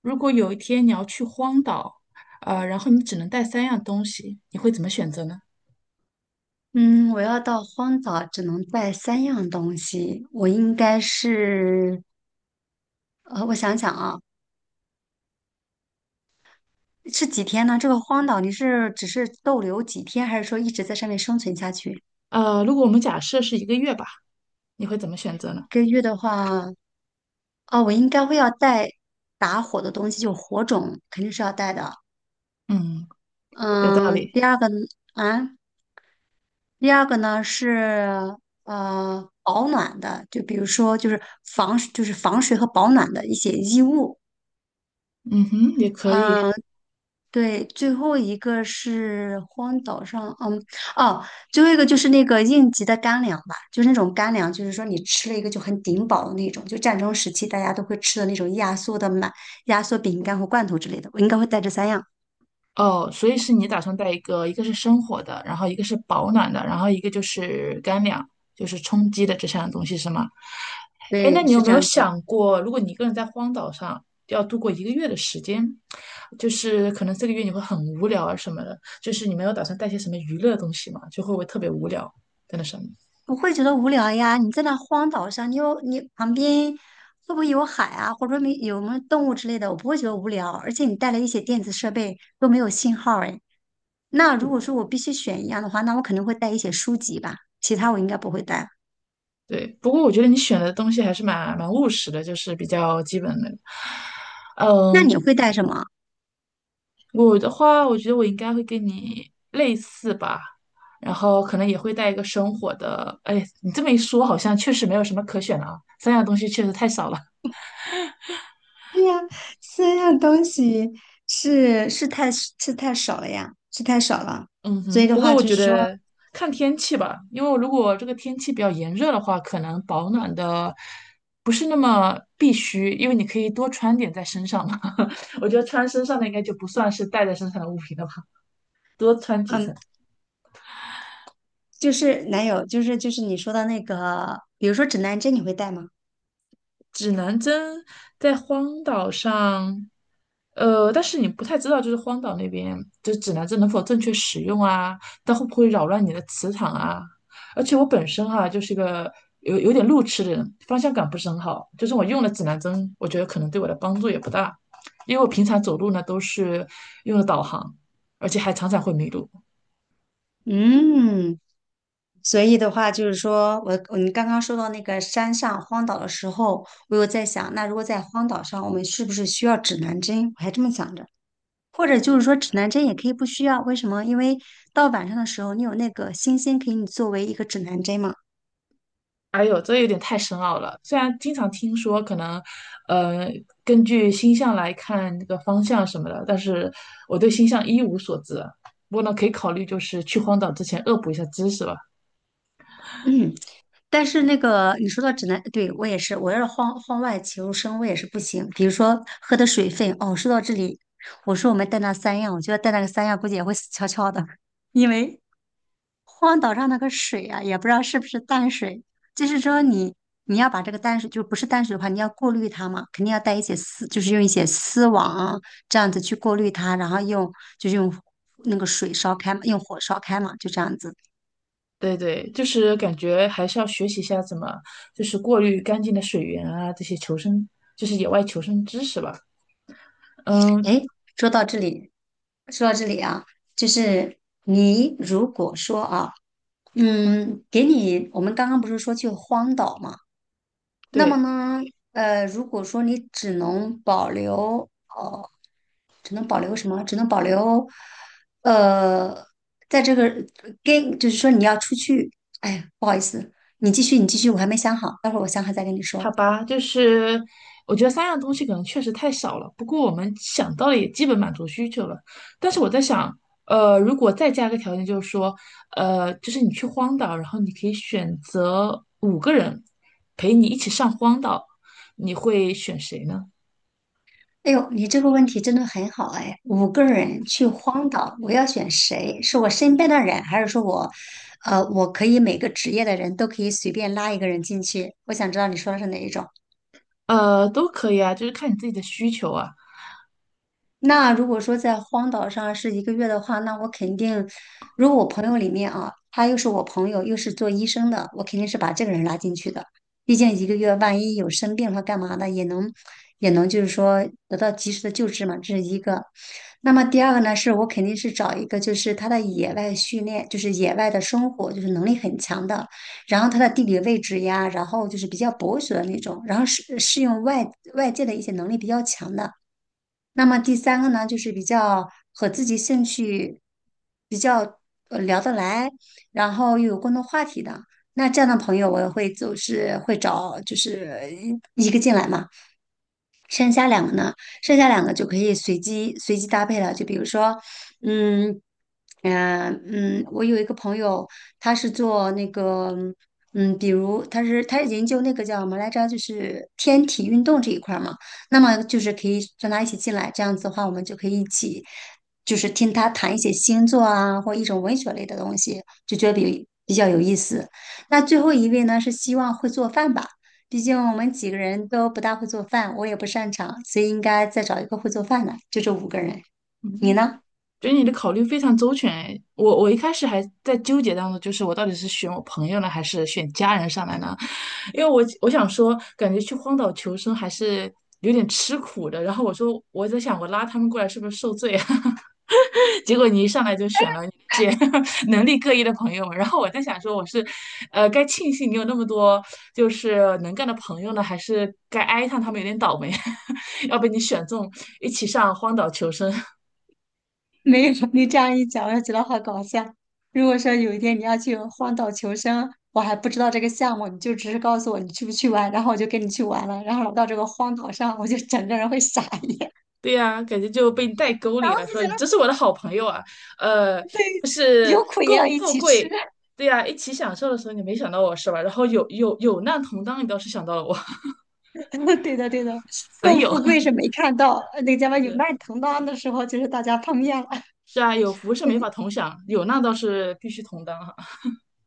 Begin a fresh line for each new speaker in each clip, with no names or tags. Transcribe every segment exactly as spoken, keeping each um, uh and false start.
如果有一天你要去荒岛，呃，然后你只能带三样东西，你会怎么选择呢？
嗯，我要到荒岛只能带三样东西，我应该是，呃，我想想啊，是几天呢？这个荒岛你是只是逗留几天，还是说一直在上面生存下去？一
呃，如果我们假设是一个月吧，你会怎么选择呢？
个月的话，哦，我应该会要带打火的东西，就火种肯定是要带的。
嗯，有道
嗯，
理。
第二个啊，第二个呢是呃保暖的，就比如说就是防就是防水和保暖的一些衣物。
嗯哼，也可以。
嗯，对，最后一个是荒岛上，嗯，哦，最后一个就是那个应急的干粮吧，就是那种干粮，就是说你吃了一个就很顶饱的那种，就战争时期大家都会吃的那种压缩的满压缩饼干和罐头之类的，我应该会带这三样。
哦，所以是你打算带一个，一个是生火的，然后一个是保暖的，然后一个就是干粮，就是充饥的这三样东西是吗？哎，那
对，
你
是
有没
这
有
样子的，
想过，如果你一个人在荒岛上要度过一个月的时间，就是可能这个月你会很无聊啊什么的，就是你没有打算带些什么娱乐的东西嘛，就会不会特别无聊在那上面？
不会觉得无聊呀？你在那荒岛上，你有你旁边会不会有海啊，或者说没有没有动物之类的？我不会觉得无聊，而且你带了一些电子设备都没有信号，哎。那如果说我必须选一样的话，那我肯定会带一些书籍吧，其他我应该不会带。
对，不过我觉得你选的东西还是蛮蛮务实的，就是比较基本的。
那
嗯，
你会带什么？
我的话，我觉得我应该会跟你类似吧，然后可能也会带一个生活的。哎，你这么一说，好像确实没有什么可选了啊，三样东西确实太少了。
对呀，三样东西是是太是太少了呀，是太少了。
嗯
所以
哼，
的
不过
话，
我
就
觉
是说，
得看天气吧，因为如果这个天气比较炎热的话，可能保暖的不是那么必须，因为你可以多穿点在身上嘛。我觉得穿身上的应该就不算是带在身上的物品了吧，多穿几
嗯，
层。
就是男友，就是就是你说的那个，比如说指南针，你会带吗？
指南针在荒岛上，呃，但是你不太知道，就是荒岛那边，就是指南针能否正确使用啊？它会不会扰乱你的磁场啊？而且我本身哈、就是一个有有点路痴的人，方向感不是很好，就是我用了指南针，我觉得可能对我的帮助也不大，因为我平常走路呢都是用了导航，而且还常常会迷路。
嗯，所以的话，就是说我我们刚刚说到那个山上荒岛的时候，我有在想，那如果在荒岛上，我们是不是需要指南针？我还这么想着。或者就是说指南针也可以不需要，为什么？因为到晚上的时候，你有那个星星给你作为一个指南针嘛。
哎呦，这有点太深奥了。虽然经常听说可能，呃，根据星象来看这个方向什么的，但是我对星象一无所知。不过呢，可以考虑就是去荒岛之前恶补一下知识吧。
嗯，但是那个你说到指南，对，我也是，我要是晃晃外求生，我也是不行。比如说喝的水分，哦，说到这里，我说我们带那三样，我觉得带那个三样估计也会死翘翘的，因为荒岛上那个水啊，也不知道是不是淡水，就是说你你要把这个淡水，就不是淡水的话，你要过滤它嘛，肯定要带一些丝，就是用一些丝网啊这样子去过滤它，然后用就是用那个水烧开嘛，用火烧开嘛，就这样子。
对对，就是感觉还是要学习一下怎么就是过滤干净的水源啊，这些求生就是野外求生知识吧。嗯，
诶，说到这里，说到这里啊，就是你如果说啊，嗯，给你我们刚刚不是说去荒岛嘛，那么
对。
呢，呃，如果说你只能保留。只能保留什么？只能保留，呃，在这个跟就是说你要出去，哎呀，不好意思，你继续，你继续，我还没想好，待会儿我想好再跟你说。
好吧，就是我觉得三样东西可能确实太少了，不过我们想到了也基本满足需求了。但是我在想，呃，如果再加个条件，就是说，呃，就是你去荒岛，然后你可以选择五个人陪你一起上荒岛，你会选谁呢？
哎呦，你这个问题真的很好哎！五个人去荒岛，我要选谁？是我身边的人，还是说我，呃，我可以每个职业的人都可以随便拉一个人进去？我想知道你说的是哪一种。
呃，都可以啊，就是看你自己的需求啊。
那如果说在荒岛上是一个月的话，那我肯定，如果我朋友里面啊，他又是我朋友，又是做医生的，我肯定是把这个人拉进去的。毕竟一个月万一有生病了干嘛的，也能也能就是说得到及时的救治嘛，这是一个。那么第二个呢，是我肯定是找一个就是他的野外训练，就是野外的生活，就是能力很强的，然后他的地理位置呀，然后就是比较博学的那种，然后适适应外外界的一些能力比较强的。那么第三个呢，就是比较和自己兴趣比较呃聊得来，然后又有共同话题的。那这样的朋友，我也会就是会找就是一个进来嘛。剩下两个呢，剩下两个就可以随机随机搭配了。就比如说，嗯，呃，嗯，我有一个朋友，他是做那个，嗯，比如他是他是研究那个叫什么来着，就是天体运动这一块儿嘛。那么就是可以让他一起进来，这样子的话，我们就可以一起，就是听他谈一些星座啊，或一种文学类的东西，就觉得比比较有意思。那最后一位呢，是希望会做饭吧。毕竟我们几个人都不大会做饭，我也不擅长，所以应该再找一个会做饭的，就这五个人。你呢？
觉得你的考虑非常周全哎，我我一开始还在纠结当中，就是我到底是选我朋友呢，还是选家人上来呢？因为我我想说，感觉去荒岛求生还是有点吃苦的。然后我说我在想，我拉他们过来是不是受罪啊？结果你一上来就选了一些 能力各异的朋友们然后我在想说，我是，呃，该庆幸你有那么多就是能干的朋友呢，还是该哀叹他们有点倒霉，要被你选中一起上荒岛求生，
没有，你这样一讲，我就觉得好搞笑。如果说有一天你要去荒岛求生，我还不知道这个项目，你就只是告诉我你去不去玩，然后我就跟你去玩了，然后到这个荒岛上，我就整个人会傻眼，
对呀，感觉就被你带 沟
然
里
后
了，说
就
你真
觉
是我的好朋友啊，呃，就
得
是
有苦也要
共
一
富
起吃。
贵，对呀，一起享受的时候你没想到我是吧？然后有有有难同当，你倒是想到了我，
对的，对的，
损
更
友
富 贵是没看到，呃那个叫什么有
是
难同当的时候，就是大家碰面了。
是啊，有福是没法 同享，有难倒是必须同当哈。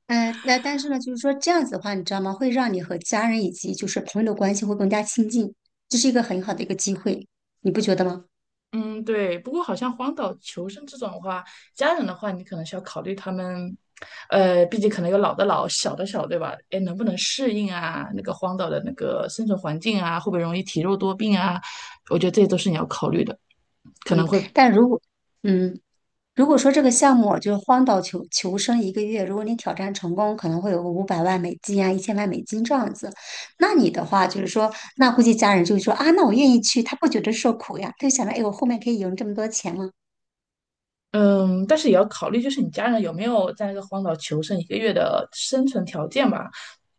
嗯，呃那但是呢，就是说这样子的话，你知道吗？会让你和家人以及就是朋友的关系会更加亲近，这是一个很好的一个机会，你不觉得吗？
嗯，对。不过好像荒岛求生这种的话，家人的话，你可能是要考虑他们，呃，毕竟可能有老的老，小的小，对吧？哎，能不能适应啊？那个荒岛的那个生存环境啊，会不会容易体弱多病啊？我觉得这些都是你要考虑的，可能
嗯，
会
但如果，嗯，如果说这个项目就是荒岛求求生一个月，如果你挑战成功，可能会有个五百万美金啊，一千万美金这样子。那你的话就是说，那估计家人就会说啊，那我愿意去，他不觉得受苦呀，他就想着，哎，我后面可以赢这么多钱吗？
嗯，但是也要考虑，就是你家人有没有在那个荒岛求生一个月的生存条件吧。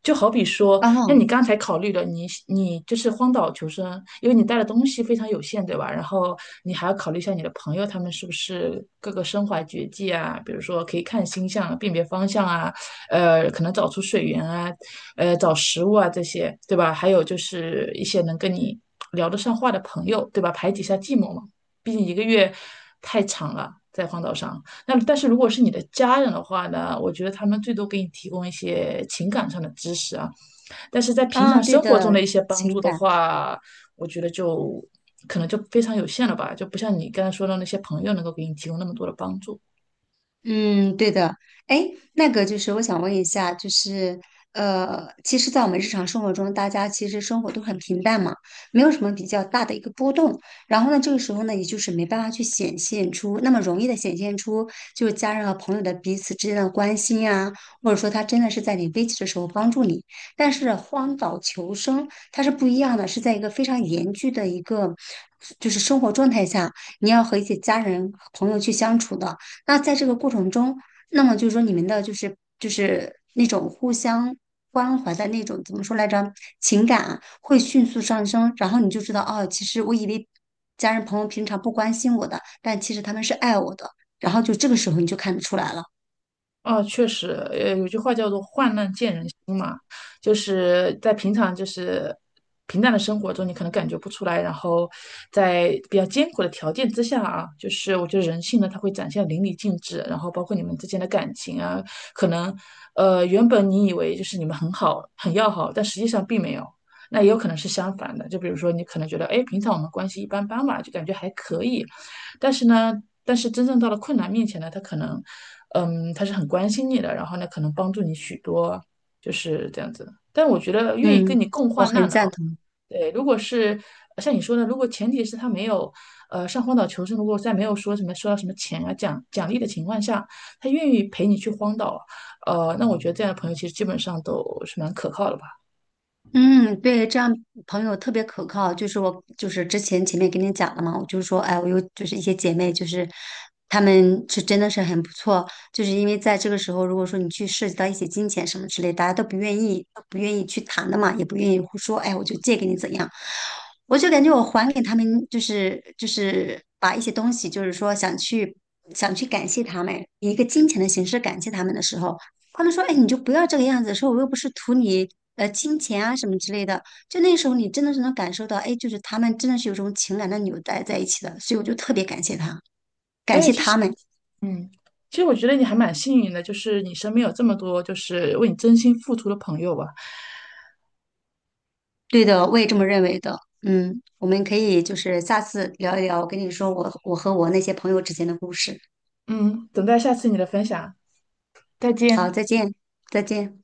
就好比说，
啊
像你刚才考虑的，你你就是荒岛求生，因为你带的东西非常有限，对吧？然后你还要考虑一下你的朋友，他们是不是各个身怀绝技啊？比如说可以看星象啊、辨别方向啊，呃，可能找出水源啊，呃，找食物啊这些，对吧？还有就是一些能跟你聊得上话的朋友，对吧？排解一下寂寞嘛。毕竟一个月太长了，在荒岛上。那但是如果是你的家人的话呢，我觉得他们最多给你提供一些情感上的支持啊，但是在平
啊，
常
对
生活中
的，
的一些帮助
情
的
感。
话，我觉得就可能就非常有限了吧，就不像你刚才说的那些朋友能够给你提供那么多的帮助。
嗯，对的。哎，那个就是我想问一下，就是呃，其实，在我们日常生活中，大家其实生活都很平淡嘛，没有什么比较大的一个波动。然后呢，这个时候呢，也就是没办法去显现出那么容易的显现出，就是家人和朋友的彼此之间的关心呀，或者说他真的是在你危急的时候帮助你。但是荒岛求生它是不一样的，是在一个非常严峻的一个就是生活状态下，你要和一些家人、朋友去相处的。那在这个过程中，那么就是说你们的就是就是那种互相关怀的那种怎么说来着，情感啊会迅速上升，然后你就知道哦，其实我以为家人朋友平常不关心我的，但其实他们是爱我的，然后就这个时候你就看得出来了。
哦，确实，呃，有句话叫做"患难见人心"嘛，就是在平常就是平淡的生活中，你可能感觉不出来，然后在比较艰苦的条件之下啊，就是我觉得人性呢，它会展现得淋漓尽致，然后包括你们之间的感情啊，可能呃原本你以为就是你们很好很要好，但实际上并没有。那也有可能是相反的，就比如说你可能觉得，哎，平常我们关系一般般嘛，就感觉还可以，但是呢，但是真正到了困难面前呢，他可能嗯，他是很关心你的，然后呢，可能帮助你许多，就是这样子的。但我觉得愿意跟
嗯。
你共
我
患
很
难的
赞
哦，
同。
对，如果是呃像你说的，如果前提是他没有，呃，上荒岛求生，如果在没有说什么收到什么钱啊奖奖励的情况下，他愿意陪你去荒岛，呃，那我觉得这样的朋友其实基本上都是蛮可靠的吧。
嗯，对，这样朋友特别可靠。就是我，就是之前前面跟你讲了嘛，我就是说，哎，我有就是一些姐妹，就是她们是真的是很不错。就是因为在这个时候，如果说你去涉及到一些金钱什么之类，大家都不愿意，都不愿意去谈的嘛，也不愿意说，哎，我就借给你怎样。我就感觉我还给他们，就是就是把一些东西，就是说想去想去感谢他们，以一个金钱的形式感谢他们的时候。他们说："哎，你就不要这个样子。"说我又不是图你呃金钱啊什么之类的。就那时候，你真的是能感受到，哎，就是他们真的是有种情感的纽带在一起的。所以我就特别感谢他，感
对，
谢
其实，
他们。
嗯，其实我觉得你还蛮幸运的，就是你身边有这么多就是为你真心付出的朋友吧。
对的，我也这么认为的。嗯，我们可以就是下次聊一聊，我跟你说我我和我那些朋友之间的故事。
嗯，等待下次你的分享，再
好，
见。
再见，再见。